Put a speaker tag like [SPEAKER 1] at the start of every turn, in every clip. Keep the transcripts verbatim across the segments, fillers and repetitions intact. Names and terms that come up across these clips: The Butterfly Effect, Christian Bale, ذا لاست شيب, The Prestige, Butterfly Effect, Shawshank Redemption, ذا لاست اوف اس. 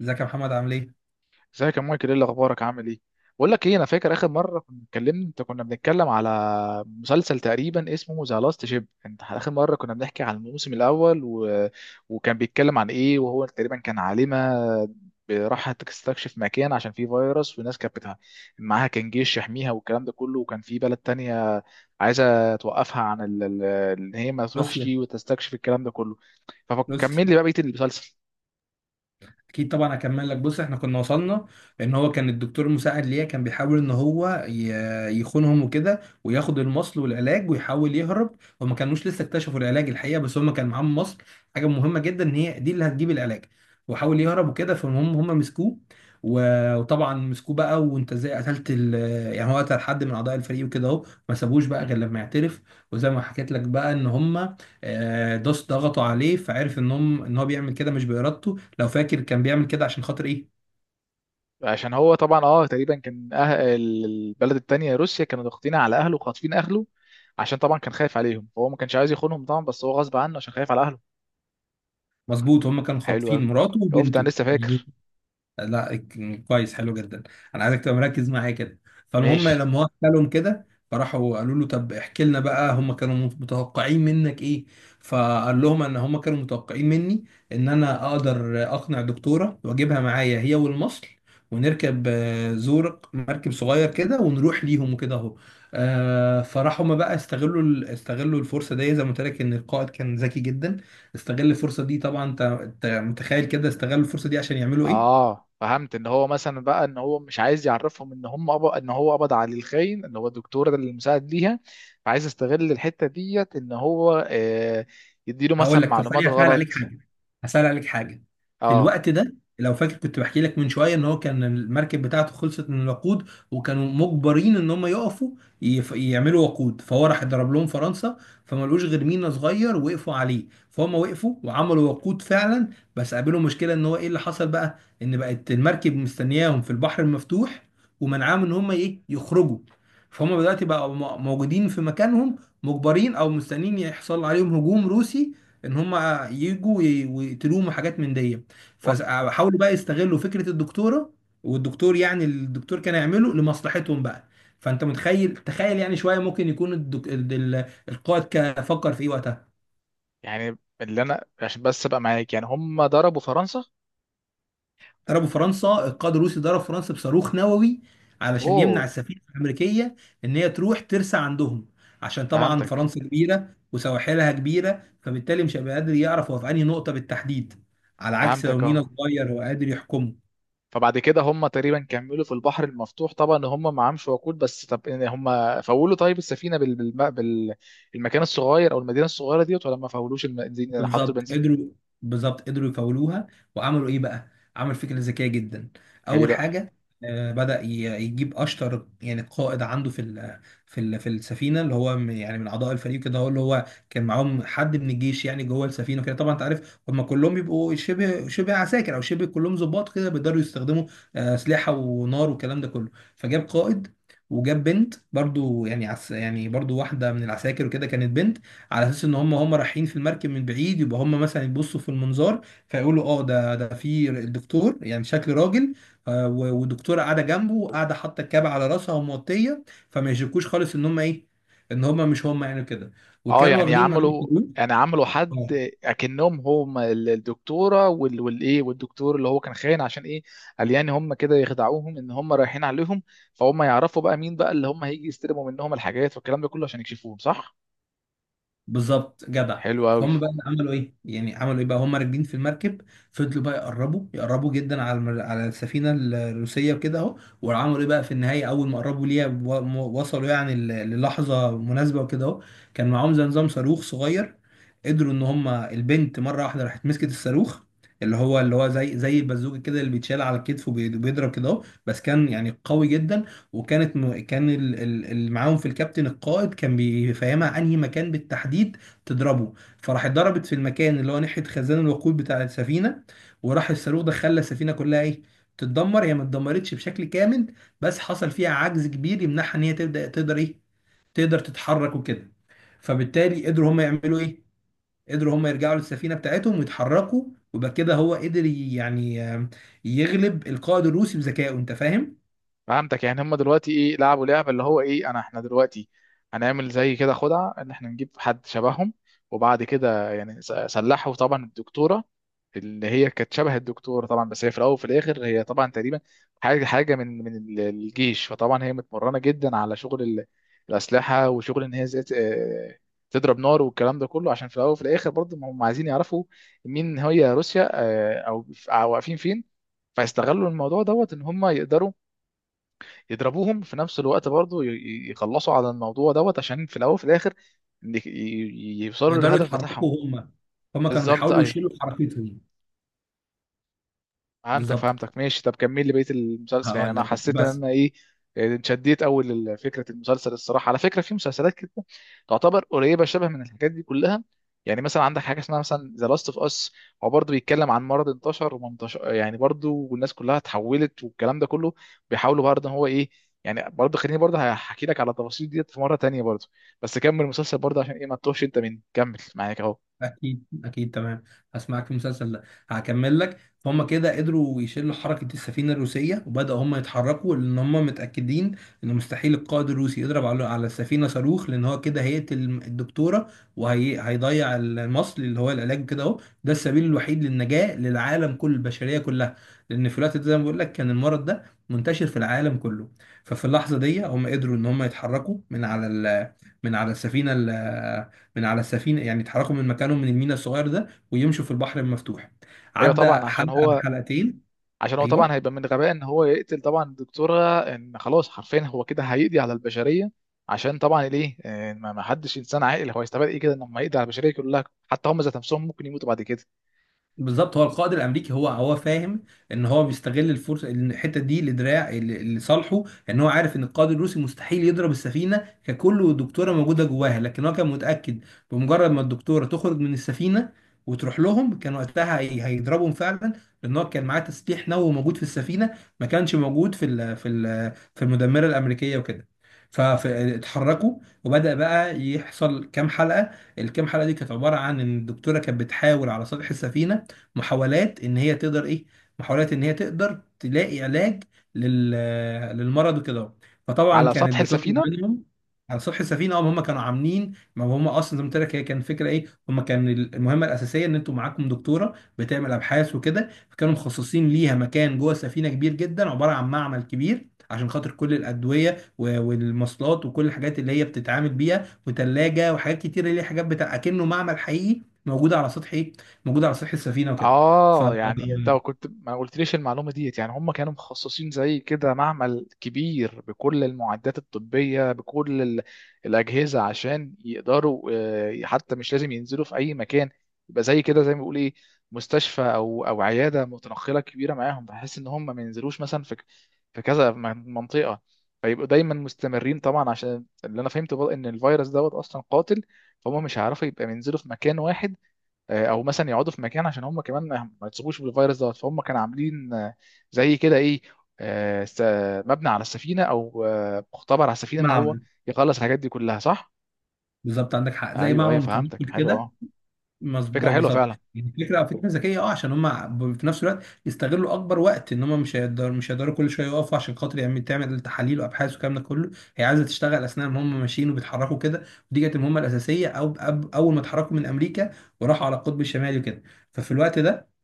[SPEAKER 1] ازيك يا محمد؟ عامل ايه؟
[SPEAKER 2] ازيك يا مايكل؟ ايه اللي اخبارك؟ عامل ايه؟ بقول لك ايه، انا فاكر اخر مره كنا اتكلمنا، انت كنا بنتكلم على مسلسل تقريبا اسمه ذا لاست شيب. انت اخر مره كنا بنحكي عن الموسم الاول و... وكان بيتكلم عن ايه، وهو تقريبا كان عالمه راحت تستكشف مكان عشان فيه فيروس، والناس كانت بتاع معاها كان جيش يحميها والكلام ده كله. وكان في بلد تانية عايزه توقفها عن ال- ال- ان هي ما تروحش
[SPEAKER 1] لوسيا.
[SPEAKER 2] وتستكشف الكلام ده كله. فكمل
[SPEAKER 1] لوسيا.
[SPEAKER 2] لي بقى بقيه المسلسل.
[SPEAKER 1] اكيد طبعا هكمل لك. بص احنا كنا وصلنا ان هو كان الدكتور المساعد ليا كان بيحاول ان هو ي- يخونهم وكده، وياخد المصل والعلاج ويحاول يهرب. هما كانوش لسه اكتشفوا العلاج الحقيقه، بس هما كان معاهم مصل، حاجه مهمه جدا، ان هي دي اللي هتجيب العلاج. وحاول يهرب وكده، فالمهم هما مسكوه. و- وطبعا مسكوه بقى، وانت ازاي قتلت ال... يعني هو قتل حد من اعضاء الفريق وكده اهو. ما سابوش بقى غير لما يعترف. وزي ما حكيت لك بقى ان هما آه، داس ضغطوا عليه، فعرف ان هم ان هو بيعمل كده مش بارادته. لو فاكر كان بيعمل كده عشان خاطر ايه؟
[SPEAKER 2] عشان هو طبعا اه تقريبا كان أه... البلد التانية روسيا كانوا ضاغطين على اهله وخاطفين اهله. عشان طبعا كان خايف عليهم، فهو ما كانش عايز يخونهم طبعا، بس هو غصب عنه عشان خايف على اهله.
[SPEAKER 1] مظبوط، هم كانوا
[SPEAKER 2] حلو
[SPEAKER 1] خاطفين
[SPEAKER 2] قوي.
[SPEAKER 1] مراته
[SPEAKER 2] شفت انا
[SPEAKER 1] وبنته،
[SPEAKER 2] لسه
[SPEAKER 1] مظبوط.
[SPEAKER 2] فاكر.
[SPEAKER 1] لا، كويس، حلو جدا. انا عايزك تبقى مركز معايا كده. فالمهم
[SPEAKER 2] ماشي.
[SPEAKER 1] لما هو حكى لهم كده، فراحوا قالوا له طب احكي لنا بقى هم كانوا متوقعين منك ايه. فقال لهم ان هم كانوا متوقعين مني ان انا اقدر اقنع دكتوره واجيبها معايا، هي والمصل، ونركب آه، زورق، مركب صغير كده، ونروح ليهم وكده اهو. آه، فراحوا هم بقى استغلوا ال- استغلوا الفرصه دي. زي ما قلت لك ان القائد كان ذكي جدا. استغل الفرصه دي طبعا. انت أنت متخيل كده استغلوا الفرصه دي عشان يعملوا ايه؟
[SPEAKER 2] اه، فهمت ان هو مثلا بقى ان هو مش عايز يعرفهم ان هم أب... ان هو قبض على الخاين اللي هو الدكتور ده اللي مساعد ليها، فعايز يستغل الحتة ديت ان هو آه يديله
[SPEAKER 1] هقول
[SPEAKER 2] مثلا
[SPEAKER 1] لك. طب
[SPEAKER 2] معلومات
[SPEAKER 1] ثانيه، هسال عليك
[SPEAKER 2] غلط.
[SPEAKER 1] حاجه. هسال عليك حاجه. في
[SPEAKER 2] اه.
[SPEAKER 1] الوقت ده لو فاكر، كنت بحكي لك من شويه ان هو كان المركب بتاعته خلصت من الوقود، وكانوا مجبرين ان هم يقفوا يف... يعملوا وقود. فهو راح ضرب لهم فرنسا، فما لقوش غير مينا صغير وقفوا عليه، فهم وقفوا وعملوا وقود فعلا. بس قابلهم مشكله، ان هو ايه اللي حصل بقى؟ ان بقت المركب مستنياهم في البحر المفتوح، ومنعاهم ان هم ايه يخرجوا. فهم دلوقتي بقوا م- موجودين في مكانهم، مجبرين او مستنيين يحصل عليهم هجوم روسي، ان هم يجوا ي- ويقتلوهم وحاجات من دي.
[SPEAKER 2] و...
[SPEAKER 1] فحاولوا بقى يستغلوا فكره الدكتوره والدكتور. يعني الدكتور كان يعمله لمصلحتهم بقى. فانت متخيل تخيل يعني شويه، ممكن يكون الدك... ال- ال- القائد كان فكر في ايه وقتها.
[SPEAKER 2] يعني اللي انا عشان بس ابقى معاك، يعني هم ضربوا فرنسا.
[SPEAKER 1] ضربوا فرنسا. القائد الروسي ضرب فرنسا بصاروخ نووي علشان يمنع
[SPEAKER 2] اوه.
[SPEAKER 1] السفينه الامريكيه ان هي تروح ترسى عندهم. عشان طبعا
[SPEAKER 2] فهمتك،
[SPEAKER 1] فرنسا كبيره وسواحلها كبيره، فبالتالي مش هيبقى قادر يعرف هو في انهي نقطه بالتحديد، على عكس لو
[SPEAKER 2] فهمتك.
[SPEAKER 1] مينا
[SPEAKER 2] اه.
[SPEAKER 1] صغير وقادر يحكمه.
[SPEAKER 2] فبعد كده هم تقريبا كملوا في البحر المفتوح، طبعا هم معهمش وقود، بس طب إن هم فولوا طيب السفينه بال... بالم... بال... المكان الصغير او المدينه الصغيره ديت، ولا ما فولوش البنزين يعني حطوا
[SPEAKER 1] بالظبط
[SPEAKER 2] البنزين
[SPEAKER 1] قدروا. بالظبط قدروا يفولوها. وعملوا ايه بقى؟ عمل فكره
[SPEAKER 2] فيه.
[SPEAKER 1] ذكيه جدا.
[SPEAKER 2] هي
[SPEAKER 1] اول
[SPEAKER 2] بقى.
[SPEAKER 1] حاجه، آه، بدأ ي- يجيب اشطر يعني قائد عنده في ال في ال في السفينه، اللي هو من- يعني من اعضاء الفريق كده. هو اللي هو كان معاهم حد من الجيش يعني جوه السفينه وكده. طبعا انت عارف هم كلهم بيبقوا شبه شبه عساكر او شبه كلهم ضباط كده، بيقدروا يستخدموا آه، اسلحه ونار والكلام ده كله. فجاب قائد، وجاب بنت برضو، يعني عس يعني برضو واحده من العساكر وكده، كانت بنت. على اساس ان هم هم رايحين في المركب من بعيد، يبقى هم مثلا يبصوا في المنظار فيقولوا اه، ده ده في الدكتور، يعني شكل راجل، آه، و- والدكتوره قاعده جنبه، قاعده حاطه الكاب على راسها وموطيه، فما يشكوش خالص ان هم ايه، ان هم مش هم يعني كده.
[SPEAKER 2] اه،
[SPEAKER 1] وكانوا
[SPEAKER 2] يعني
[SPEAKER 1] واخدين معاهم
[SPEAKER 2] عملوا يعني عملوا
[SPEAKER 1] فلوس.
[SPEAKER 2] حد اكنهم هم ال- الدكتوره وال... والايه والدكتور اللي هو كان خاين. عشان ايه؟ قال يعني هم كده يخدعوهم ان هم رايحين عليهم، فهم يعرفوا بقى مين بقى اللي هم هيجي يستلموا منهم الحاجات والكلام ده كله، عشان يكشفوهم. صح؟
[SPEAKER 1] بالظبط جدع.
[SPEAKER 2] حلو قوي.
[SPEAKER 1] فهم بقى عملوا ايه؟ يعني عملوا ايه بقى هم راكبين في المركب؟ فضلوا بقى يقربوا يقربوا جدا على المر... على السفينه الروسيه وكده اهو. وعملوا ايه بقى في النهايه؟ اول ما قربوا ليها و... م- وصلوا يعني ل- للحظه مناسبه وكده اهو، كان معاهم زي نظام صاروخ صغير. قدروا ان هم البنت مره واحده راحت مسكت الصاروخ، اللي هو اللي هو زي زي البازوكه كده، اللي بيتشال على الكتف وبيضرب كده اهو، بس كان يعني قوي جدا. وكانت م... كان ال- ال- اللي معاهم في الكابتن القائد كان بيفهمها انهي مكان بالتحديد تضربه. فراح ضربت في المكان اللي هو ناحيه خزان الوقود بتاع السفينه، وراح الصاروخ ده خلى السفينه كلها ايه، تتدمر. هي ما اتدمرتش بشكل كامل، بس حصل فيها عجز كبير يمنعها ان هي تبدا تقدر ايه، تقدر تتحرك وكده. فبالتالي قدروا هم يعملوا ايه، قدروا هم يرجعوا للسفينه بتاعتهم ويتحركوا. وبقى كده هو قدر ي- يعني آم، يغلب القائد الروسي بذكائه. انت فاهم؟
[SPEAKER 2] فهمتك. يعني هم دلوقتي ايه لعبوا لعبه اللي هو ايه، انا احنا دلوقتي هنعمل زي كده خدعه، ان احنا نجيب حد شبههم. وبعد كده يعني س- سلحوا طبعا الدكتوره اللي هي كانت شبه الدكتوره طبعا، بس هي في الاول وفي الاخر هي طبعا تقريبا حاجه حاجه من من ال- الجيش. فطبعا هي متمرنه جدا على شغل ال- الاسلحه، وشغل ان هي ازاي ت- آه، تضرب نار والكلام ده كله، عشان في الاول وفي الاخر برضه ما هم عايزين يعرفوا مين هي روسيا، آه، او أو واقفين فين. فيستغلوا الموضوع دوت ان هم يقدروا يضربوهم في نفس الوقت برضو، ي- ي- يخلصوا على الموضوع دوت، عشان في الاول وفي الاخر إن ي- ي- يوصلوا
[SPEAKER 1] يقدروا
[SPEAKER 2] للهدف بتاعهم.
[SPEAKER 1] يتحركوا هم، هم كانوا
[SPEAKER 2] بالظبط،
[SPEAKER 1] بيحاولوا
[SPEAKER 2] ايوه.
[SPEAKER 1] يشيلوا حركتهم.
[SPEAKER 2] فهمتك،
[SPEAKER 1] بالظبط.
[SPEAKER 2] فهمتك. ماشي، طب كمل لي بقيه المسلسل، يعني
[SPEAKER 1] هقول
[SPEAKER 2] انا
[SPEAKER 1] لك بقى.
[SPEAKER 2] حسيت ان
[SPEAKER 1] بس
[SPEAKER 2] انا ايه. آه، اتشديت اول لفكره المسلسل الصراحه. على فكره، في مسلسلات كده تعتبر قريبه شبه من الحاجات دي كلها. يعني مثلا عندك حاجه اسمها مثلا ذا لاست اوف اس، هو برضه بيتكلم عن مرض انتشر ومنتشر يعني برضه، والناس كلها اتحولت والكلام ده كله، بيحاولوا برضه ان هو ايه. يعني برضه خليني برضه هحكي لك على التفاصيل ديت في مره تانية برضه. بس كمل المسلسل برضه، عشان ايه ما تتوهش انت مني. كمل معاك اهو.
[SPEAKER 1] اكيد، اكيد تمام. هسمعك في المسلسل ده. هكمل لك. هم كده قدروا يشيلوا حركه السفينه الروسيه، وبداوا هم يتحركوا لان هم متاكدين ان مستحيل القائد الروسي يضرب على على السفينه صاروخ، لان هو كده هيقتل الدكتوره، وهيضيع المصل اللي هو العلاج كده اهو، ده السبيل الوحيد للنجاه للعالم، كل البشريه كلها. لان في الوقت ده زي ما بقول لك، كان المرض ده منتشر في العالم كله. ففي اللحظه دي هم قدروا ان هم يتحركوا من على ال- من على السفينه. من على السفينه، يعني اتحركوا من مكانهم من الميناء الصغير ده، ويمشوا في البحر المفتوح.
[SPEAKER 2] ايوه
[SPEAKER 1] عدى
[SPEAKER 2] طبعا، عشان
[SPEAKER 1] حلقه
[SPEAKER 2] هو
[SPEAKER 1] حلقتين.
[SPEAKER 2] عشان هو طبعا
[SPEAKER 1] ايوه
[SPEAKER 2] هيبقى من غباء ان هو يقتل طبعا الدكتوره، ان خلاص حرفيا هو كده هيقضي على البشريه. عشان طبعا ليه؟ آه، ما ما حدش انسان عاقل، هو هيستفاد ايه كده انه ما يقضي على البشريه كلها، حتى هم ذات نفسهم ممكن يموتوا بعد كده.
[SPEAKER 1] بالظبط. هو القائد الامريكي هو هو فاهم ان هو بيستغل الفرصه، إن الحته دي لدراع ل- لصالحه. ان هو عارف ان القائد الروسي مستحيل يضرب السفينه ككل والدكتوره موجوده جواها، لكن هو كان متاكد بمجرد ما الدكتوره تخرج من السفينه وتروح لهم، كان وقتها هي- هيضربهم فعلا، لان هو كان معاه تسليح نووي موجود في السفينه، ما كانش موجود في ال في ال في المدمره الامريكيه وكده. فاتحركوا، وبدأ بقى يحصل كام حلقة. الكام حلقة دي كانت عبارة عن ان الدكتورة كانت بتحاول على سطح السفينة محاولات ان هي تقدر ايه، محاولات ان هي تقدر تلاقي علاج لل للمرض وكده. فطبعا
[SPEAKER 2] على سطح
[SPEAKER 1] كانت بتطلب
[SPEAKER 2] السفينه.
[SPEAKER 1] منهم على سطح السفينه. هم هم كانوا عاملين، ما هم اصلا زي ما قلت لك، هي كان فكره ايه هم، كان المهمه الاساسيه ان انتوا معاكم دكتوره بتعمل ابحاث وكده، فكانوا مخصصين ليها مكان جوه السفينه كبير جدا، عباره عن معمل كبير، عشان خاطر كل الادويه و- والمصلات وكل الحاجات اللي هي بتتعامل بيها، وتلاجه، وحاجات كتير اللي هي حاجات بتاع اكنه معمل حقيقي، موجوده على سطح ايه، موجوده على سطح السفينه وكده. ف
[SPEAKER 2] اه، يعني انت كنت ما قلتليش المعلومه ديت، يعني هم كانوا مخصصين زي كده معمل كبير بكل المعدات الطبيه، بكل ال- الاجهزه، عشان يقدروا، آه، حتى مش لازم ينزلوا في اي مكان. يبقى زي كده زي ما بيقول ايه، مستشفى او او عياده متنقله كبيره معاهم، بحيث ان هم ما ينزلوش مثلا في في كذا م- منطقه. فيبقوا دايما مستمرين، طبعا عشان اللي انا فهمته بقى ان الفيروس دوت اصلا قاتل، فهم مش هيعرفوا يبقى ينزلوا في مكان واحد. آه، او مثلا يقعدوا في مكان، عشان هم كمان ما ما يتصابوش بالفيروس دوت. فهم كانوا عاملين آه، زي كده ايه، آه، س- مبنى على السفينه، او آه، مختبر على السفينه، ان هو
[SPEAKER 1] معمل،
[SPEAKER 2] يخلص الحاجات دي كلها. صح؟
[SPEAKER 1] بالظبط، عندك حق، زي
[SPEAKER 2] ايوه،
[SPEAKER 1] معمل
[SPEAKER 2] ايوه، فهمتك،
[SPEAKER 1] متنقل
[SPEAKER 2] حلو.
[SPEAKER 1] كده.
[SPEAKER 2] اه.
[SPEAKER 1] مظبوط،
[SPEAKER 2] فكره
[SPEAKER 1] اه
[SPEAKER 2] حلوه
[SPEAKER 1] بالظبط.
[SPEAKER 2] فعلا.
[SPEAKER 1] يعني فكره، فكره ذكيه، اه، عشان هم في نفس الوقت يستغلوا اكبر وقت، ان هم مش هيقدروا، مش هيقدروا كل شويه يقفوا عشان خاطر يعمل تعمل تحاليل وابحاث والكلام ده كله. هي عايزه تشتغل اثناء ما هم ماشيين وبيتحركوا كده. ودي كانت المهمه الاساسيه. او أب- اول ما اتحركوا من امريكا وراحوا على القطب الشمالي وكده، ففي الوقت ده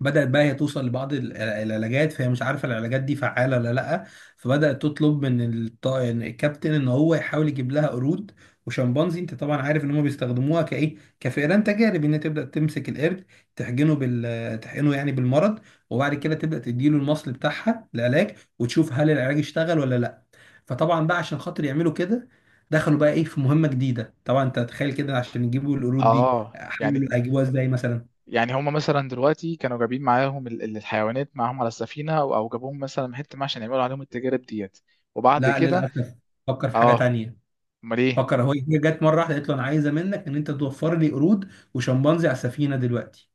[SPEAKER 1] بدأت بقى هي توصل لبعض ال- العلاجات. فهي مش عارفة العلاجات دي فعالة ولا لأ، فبدأت تطلب من الط- إن الكابتن إن هو يحاول يجيب لها قرود وشمبانزي. أنت طبعا عارف إن هم بيستخدموها كإيه، كفئران تجارب، إن هي تبدأ تمسك القرد تحقنه بال تحقنه يعني بالمرض، وبعد كده تبدأ تديله المصل بتاعها العلاج، وتشوف هل العلاج اشتغل ولا لأ. فطبعا بقى عشان خاطر يعملوا كده، دخلوا بقى إيه في مهمة جديدة. طبعا أنت تخيل كده، عشان يجيبوا القرود دي
[SPEAKER 2] اه، يعني
[SPEAKER 1] حاولوا هيجيبوها إزاي مثلا.
[SPEAKER 2] يعني هم مثلا دلوقتي كانوا جايبين معاهم ال- ال- الحيوانات معاهم على السفينه، او أو جابوهم مثلا من حته ما، عشان يعملوا عليهم التجارب ديت. وبعد
[SPEAKER 1] لا،
[SPEAKER 2] كده.
[SPEAKER 1] للاسف. فكر في حاجه
[SPEAKER 2] اه.
[SPEAKER 1] تانية.
[SPEAKER 2] امال ايه؟
[SPEAKER 1] فكر هو، هي جت مره واحده قالت له انا عايزه منك ان انت توفر لي قرود وشمبانزي على السفينه دلوقتي.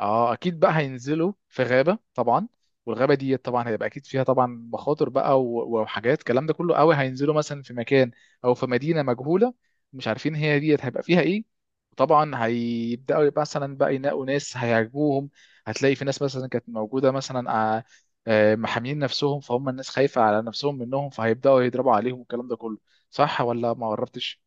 [SPEAKER 2] اه، اكيد بقى هينزلوا في غابه طبعا، والغابه دي طبعا هيبقى اكيد فيها طبعا مخاطر بقى، و- وحاجات الكلام ده كله قوي. هينزلوا مثلا في مكان او في مدينه مجهوله، مش عارفين هي ديت هيبقى فيها ايه. وطبعا هيبداوا يبقى مثلا بقى ينقوا ناس هيعجبوهم. هتلاقي في ناس مثلا كانت موجوده مثلا، آه، آه، محامين نفسهم، فهم الناس خايفه على نفسهم منهم، فهيبداوا يضربوا عليهم والكلام ده كله. صح ولا ما قربتش؟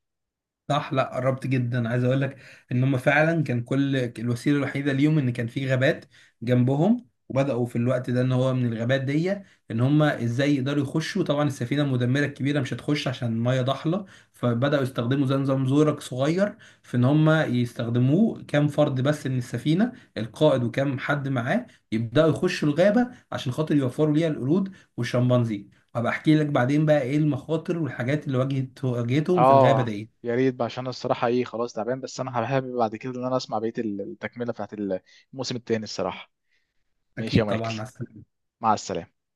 [SPEAKER 1] صح، لا قربت جدا. عايز اقول لك ان هم فعلا كان كل الوسيله الوحيده ليهم ان كان في غابات جنبهم، وبداوا في الوقت ده ان هو من الغابات دي، ان هم ازاي يقدروا يخشوا. طبعا السفينه المدمره الكبيره مش هتخش عشان الميه ضحله، فبداوا يستخدموا زي نظام زورق صغير، في ان هم يستخدموه كام فرد بس من السفينه، القائد وكام حد معاه، يبداوا يخشوا الغابه عشان خاطر يوفروا ليها القرود والشمبانزي. هبقى احكي لك بعدين بقى ايه المخاطر والحاجات اللي واجهت واجهتهم في الغابه
[SPEAKER 2] اه،
[SPEAKER 1] دي.
[SPEAKER 2] يا ريت بقى، عشان الصراحه ايه خلاص تعبان، بس انا حابب بعد كده ان انا اسمع بقيه التكمله بتاعت الموسم التاني الصراحه. ماشي يا
[SPEAKER 1] اكيد طبعا،
[SPEAKER 2] مايكل.
[SPEAKER 1] مع السلامه.
[SPEAKER 2] مع السلامه.